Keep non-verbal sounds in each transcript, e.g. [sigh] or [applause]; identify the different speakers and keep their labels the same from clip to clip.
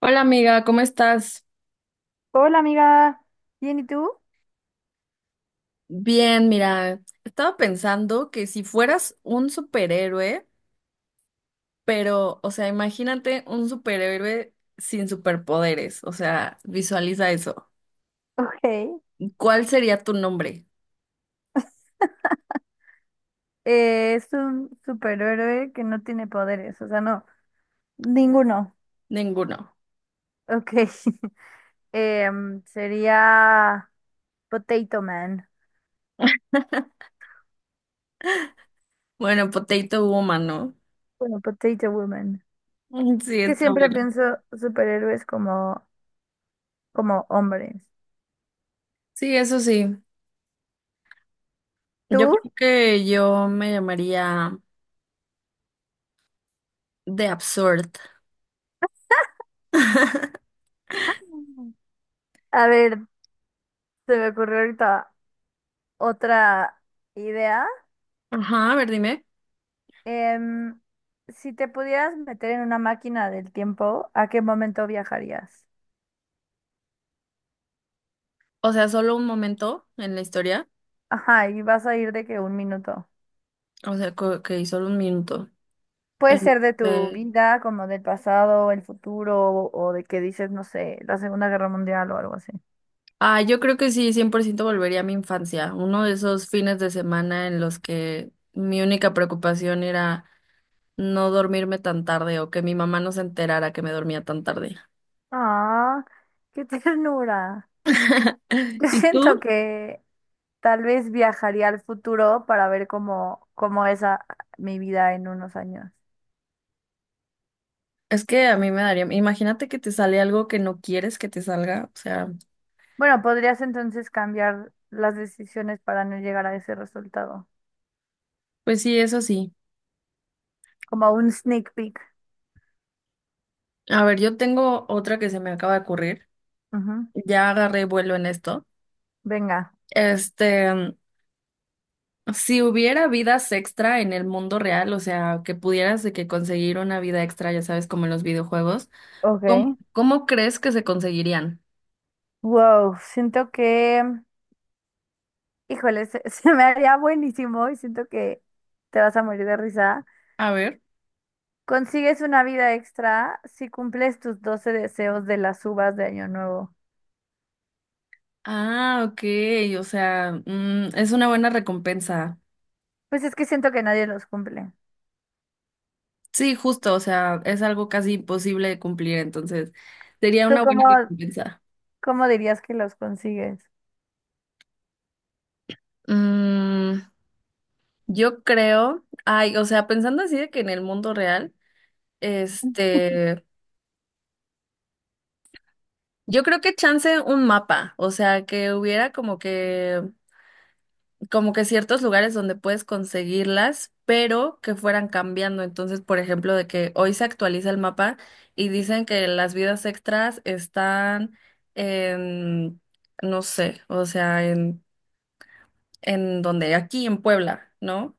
Speaker 1: Hola amiga, ¿cómo estás?
Speaker 2: Hola amiga, bien, ¿y tú?
Speaker 1: Bien, mira, estaba pensando que si fueras un superhéroe, pero, o sea, imagínate un superhéroe sin superpoderes, o sea, visualiza eso.
Speaker 2: [laughs] Ok.
Speaker 1: ¿Cuál sería tu nombre?
Speaker 2: Es un superhéroe que no tiene poderes, o sea, no. Ninguno.
Speaker 1: Ninguno.
Speaker 2: Ok. [laughs] Sería Potato Man,
Speaker 1: Bueno, Potato Woman, ¿no? [laughs]
Speaker 2: bueno, Potato Woman.
Speaker 1: Mm, sí,
Speaker 2: Que
Speaker 1: está
Speaker 2: siempre
Speaker 1: bueno.
Speaker 2: pienso superhéroes como hombres.
Speaker 1: Sí, eso sí. Yo
Speaker 2: ¿Tú?
Speaker 1: creo que yo me llamaría The Absurd. [laughs]
Speaker 2: A ver, se me ocurrió ahorita otra idea.
Speaker 1: Ajá, a ver, dime.
Speaker 2: Em, si te pudieras meter en una máquina del tiempo, ¿a qué momento viajarías?
Speaker 1: O sea, solo un momento en la historia.
Speaker 2: Ajá, y vas a ir de que un minuto.
Speaker 1: O sea, que solo un minuto.
Speaker 2: Puede ser de tu
Speaker 1: Este,
Speaker 2: vida, como del pasado, el futuro, o de que dices, no sé, la Segunda Guerra Mundial o algo así.
Speaker 1: ah, yo creo que sí, 100% volvería a mi infancia, uno de esos fines de semana en los que mi única preocupación era no dormirme tan tarde o que mi mamá no se enterara que me dormía tan tarde.
Speaker 2: Ah, qué [laughs] ternura.
Speaker 1: [laughs]
Speaker 2: Yo
Speaker 1: ¿Y
Speaker 2: siento
Speaker 1: tú?
Speaker 2: que tal vez viajaría al futuro para ver cómo es mi vida en unos años.
Speaker 1: Es que a mí me daría, imagínate que te sale algo que no quieres que te salga, o sea,
Speaker 2: Bueno, podrías entonces cambiar las decisiones para no llegar a ese resultado,
Speaker 1: pues sí, eso sí.
Speaker 2: como un sneak peek.
Speaker 1: A ver, yo tengo otra que se me acaba de ocurrir,
Speaker 2: Ujú.
Speaker 1: ya agarré vuelo en esto.
Speaker 2: Venga,
Speaker 1: Este, si hubiera vidas extra en el mundo real, o sea, que pudieras de que conseguir una vida extra, ya sabes, como en los videojuegos, ¿cómo,
Speaker 2: ok.
Speaker 1: cómo crees que se conseguirían?
Speaker 2: Wow, siento que híjole, [laughs] se me haría buenísimo y siento que te vas a morir de risa.
Speaker 1: A ver.
Speaker 2: Consigues una vida extra si cumples tus 12 deseos de las uvas de Año Nuevo.
Speaker 1: Ah, ok, o sea, es una buena recompensa.
Speaker 2: Pues es que siento que nadie los cumple.
Speaker 1: Sí, justo, o sea, es algo casi imposible de cumplir, entonces sería
Speaker 2: ¿Tú
Speaker 1: una buena
Speaker 2: cómo,
Speaker 1: recompensa.
Speaker 2: cómo dirías que los consigues?
Speaker 1: Mm, yo creo, ay, o sea, pensando así de que en el mundo real, este, yo creo que chance un mapa, o sea, que hubiera como que ciertos lugares donde puedes conseguirlas, pero que fueran cambiando. Entonces, por ejemplo, de que hoy se actualiza el mapa y dicen que las vidas extras están en, no sé, o sea, en donde, aquí en Puebla, ¿no?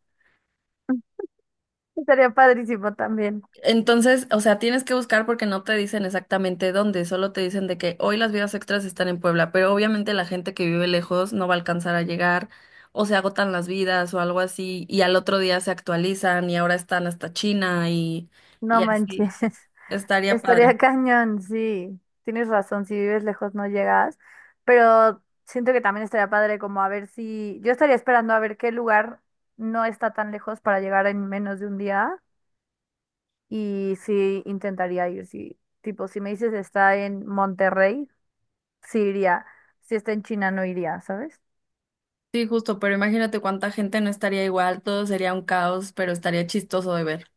Speaker 2: [laughs] Sería padrísimo también.
Speaker 1: Entonces, o sea, tienes que buscar porque no te dicen exactamente dónde, solo te dicen de que hoy las vías extras están en Puebla, pero obviamente la gente que vive lejos no va a alcanzar a llegar, o se agotan las vidas o algo así, y al otro día se actualizan y ahora están hasta China
Speaker 2: No
Speaker 1: y así.
Speaker 2: manches. [laughs]
Speaker 1: Estaría
Speaker 2: Estaría
Speaker 1: padre.
Speaker 2: [laughs] cañón, sí. Tienes razón, si vives lejos no llegas, pero siento que también estaría padre como a ver si yo estaría esperando a ver qué lugar no está tan lejos para llegar en menos de un día y sí intentaría ir, sí. Tipo, si me dices está en Monterrey, sí iría. Si está en China no iría, ¿sabes?
Speaker 1: Sí, justo, pero imagínate cuánta gente no estaría igual, todo sería un caos, pero estaría chistoso de ver.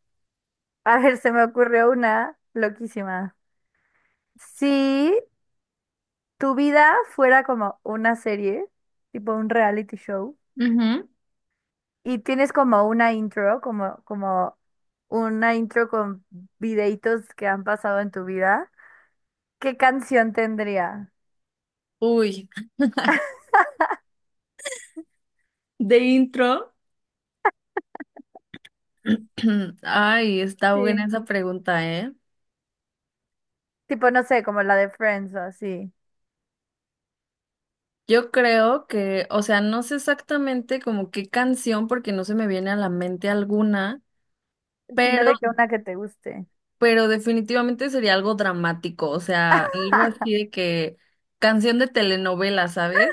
Speaker 2: A ver, se me ocurrió una loquísima. Si tu vida fuera como una serie, tipo un reality show,
Speaker 1: Ujú.
Speaker 2: y tienes como una intro, como una intro con videitos que han pasado en tu vida. ¿Qué canción tendría?
Speaker 1: Uy, de intro. [clears throat] Ay, está buena
Speaker 2: Sí.
Speaker 1: esa pregunta, ¿eh?
Speaker 2: Tipo, no sé, como la de Friends o así.
Speaker 1: Yo creo que, o sea, no sé exactamente como qué canción, porque no se me viene a la mente alguna,
Speaker 2: Sino
Speaker 1: pero,
Speaker 2: de que una que te guste.
Speaker 1: pero definitivamente sería algo dramático, o sea, algo
Speaker 2: [laughs]
Speaker 1: así de que canción de telenovela, ¿sabes?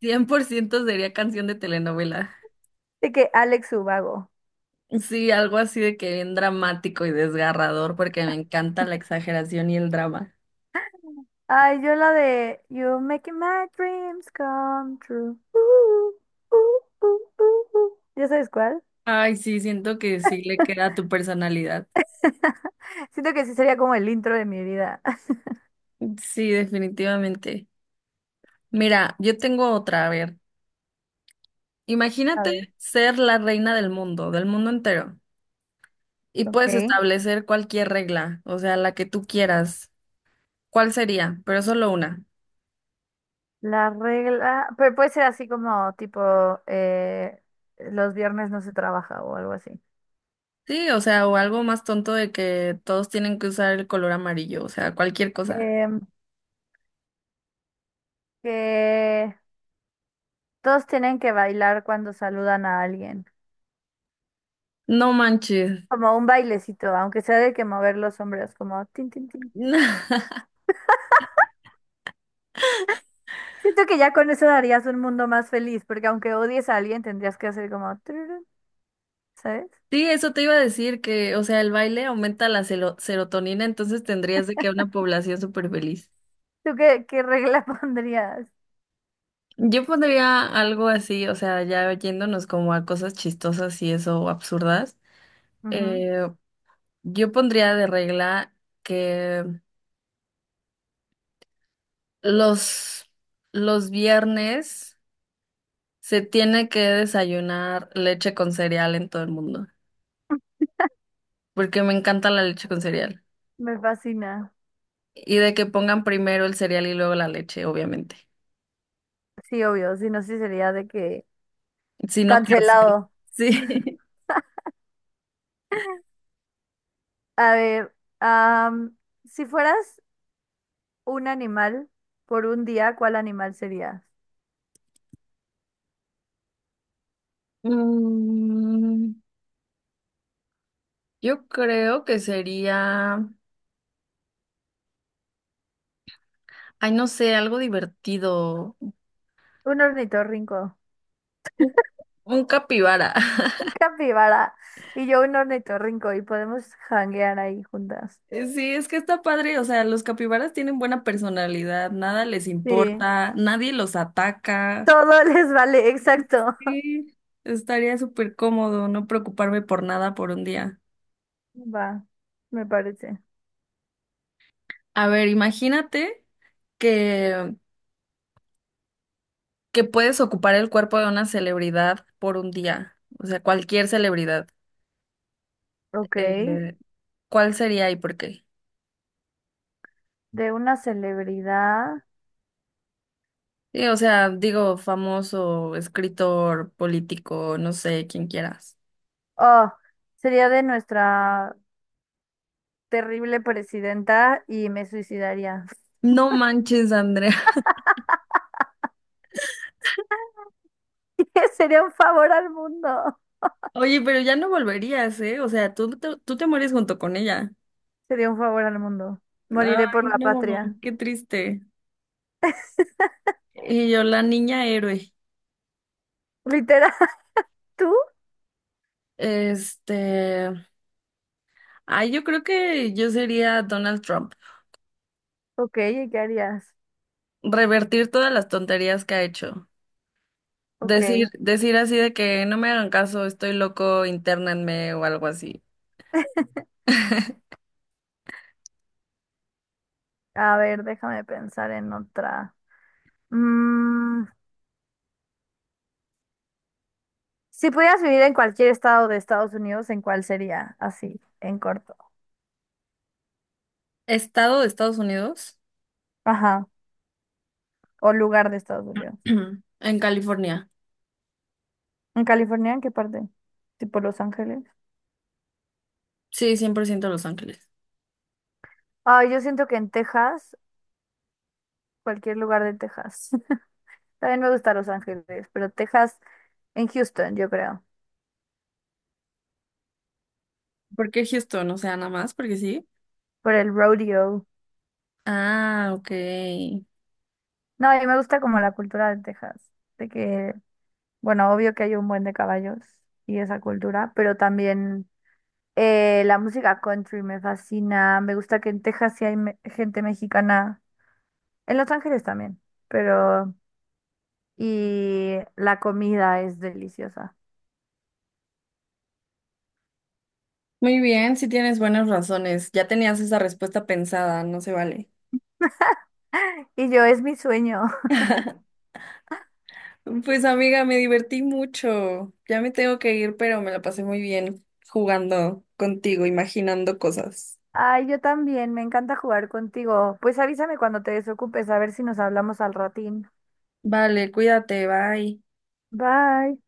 Speaker 1: 100% sería canción de telenovela.
Speaker 2: De que Alex Ubago.
Speaker 1: Sí, algo así de que bien dramático y desgarrador, porque me encanta la exageración y el drama.
Speaker 2: Ay, yo la de You're making my dreams come true. ¿Ya sabes cuál?
Speaker 1: Ay, sí, siento que sí le queda a tu personalidad.
Speaker 2: [laughs] Siento que sí sería como el intro de mi vida. [laughs]
Speaker 1: Sí, definitivamente. Mira, yo tengo otra, a ver.
Speaker 2: A ver,
Speaker 1: Imagínate ser la reina del mundo entero, y
Speaker 2: ok.
Speaker 1: puedes establecer cualquier regla, o sea, la que tú quieras. ¿Cuál sería? Pero solo una.
Speaker 2: La regla, pero puede ser así como tipo eh, los viernes no se trabaja o algo así.
Speaker 1: Sí, o sea, o algo más tonto de que todos tienen que usar el color amarillo, o sea, cualquier cosa.
Speaker 2: Em, que todos tienen que bailar cuando saludan a alguien,
Speaker 1: No manches.
Speaker 2: como un bailecito, aunque sea de que mover los hombros, como tin, tin, tin.
Speaker 1: [laughs]
Speaker 2: Siento que ya con eso darías un mundo más feliz, porque aunque odies a alguien tendrías que hacer como tururú, ¿sabes?
Speaker 1: Sí, eso te iba a decir que, o sea, el baile aumenta la serotonina, entonces tendrías de que una población súper feliz.
Speaker 2: ¿Tú qué regla [laughs] pondrías?
Speaker 1: Yo pondría algo así, o sea, ya yéndonos como a cosas chistosas y eso, o absurdas.
Speaker 2: Ujú,
Speaker 1: Eh, yo pondría de regla que los, los viernes se tiene que desayunar leche con cereal en todo el mundo, porque me encanta la leche con cereal.
Speaker 2: me fascina.
Speaker 1: Y de que pongan primero el cereal y luego la leche, obviamente.
Speaker 2: Sí, obvio, si no, sí sería de que
Speaker 1: Si no, cárcel.
Speaker 2: cancelado.
Speaker 1: Sí. [laughs]
Speaker 2: A ver, am, si fueras un animal por un día, ¿cuál animal serías?
Speaker 1: Mm, yo creo que sería, ay, no sé, algo divertido.
Speaker 2: Un ornitorrinco,
Speaker 1: Un, un capibara. [laughs]
Speaker 2: un capibara y yo un ornitorrinco y podemos janguear ahí juntas.
Speaker 1: Sí, es que está padre, o sea, los capibaras tienen buena personalidad, nada les
Speaker 2: Sí,
Speaker 1: importa, nadie los ataca.
Speaker 2: todo [laughs] les vale, exacto.
Speaker 1: Sí, estaría súper cómodo no preocuparme por nada por un día.
Speaker 2: Va, me parece.
Speaker 1: A ver, imagínate que, que puedes ocupar el cuerpo de una celebridad por un día, o sea, cualquier celebridad.
Speaker 2: Ok,
Speaker 1: Eh, ¿Cuál sería y por qué?
Speaker 2: de una celebridad.
Speaker 1: Sí, o sea, digo, famoso, escritor, político, no sé, quien quieras.
Speaker 2: Oh, sería de nuestra terrible presidenta y me suicidaría.
Speaker 1: No manches, Andrea.
Speaker 2: [laughs] Sería un favor al mundo.
Speaker 1: Oye, pero ya no volverías, ¿eh? O sea, tú te mueres junto con ella.
Speaker 2: Sería un favor al mundo. Moriré por
Speaker 1: Ay,
Speaker 2: la
Speaker 1: no,
Speaker 2: patria.
Speaker 1: qué triste. Y yo, la niña héroe.
Speaker 2: ¿Literal [laughs] tú?
Speaker 1: Este, ay, yo creo que yo sería Donald Trump.
Speaker 2: Ok, ¿y qué harías?
Speaker 1: Revertir todas las tonterías que ha hecho.
Speaker 2: Ok,
Speaker 1: Decir así de que no me hagan caso, estoy loco, internenme o algo así.
Speaker 2: a ver, déjame pensar en otra. Mm, si pudieras vivir en cualquier estado de Estados Unidos, ¿en cuál sería? Así, en corto.
Speaker 1: Estado de Estados Unidos,
Speaker 2: Ajá, o lugar de Estados Unidos.
Speaker 1: [clears throat] en California.
Speaker 2: ¿En California? ¿En qué parte? ¿Tipo Los Ángeles?
Speaker 1: Sí, 100% Los Ángeles.
Speaker 2: Ay, yo siento que en Texas, cualquier lugar de Texas. [laughs] También me gusta Los Ángeles, pero Texas, en Houston, yo creo,
Speaker 1: ¿Por qué Houston? O sea, nada más, porque sí.
Speaker 2: por el rodeo.
Speaker 1: Ah, ok.
Speaker 2: No, y me gusta como la cultura de Texas, de que, bueno, obvio que hay un buen de caballos y esa cultura, pero también la música country me fascina, me gusta que en Texas sí hay gente mexicana, en Los Ángeles también, pero y la comida es deliciosa.
Speaker 1: Muy bien, si tienes buenas razones. Ya tenías esa respuesta pensada, no se vale.
Speaker 2: Y yo es mi sueño. [laughs]
Speaker 1: [laughs] Pues amiga, me divertí mucho. Ya me tengo que ir, pero me la pasé muy bien jugando contigo, imaginando cosas.
Speaker 2: Ay, yo también, me encanta jugar contigo. Pues avísame cuando te desocupes, a ver si nos hablamos al ratín.
Speaker 1: Vale, cuídate, bye.
Speaker 2: Bye.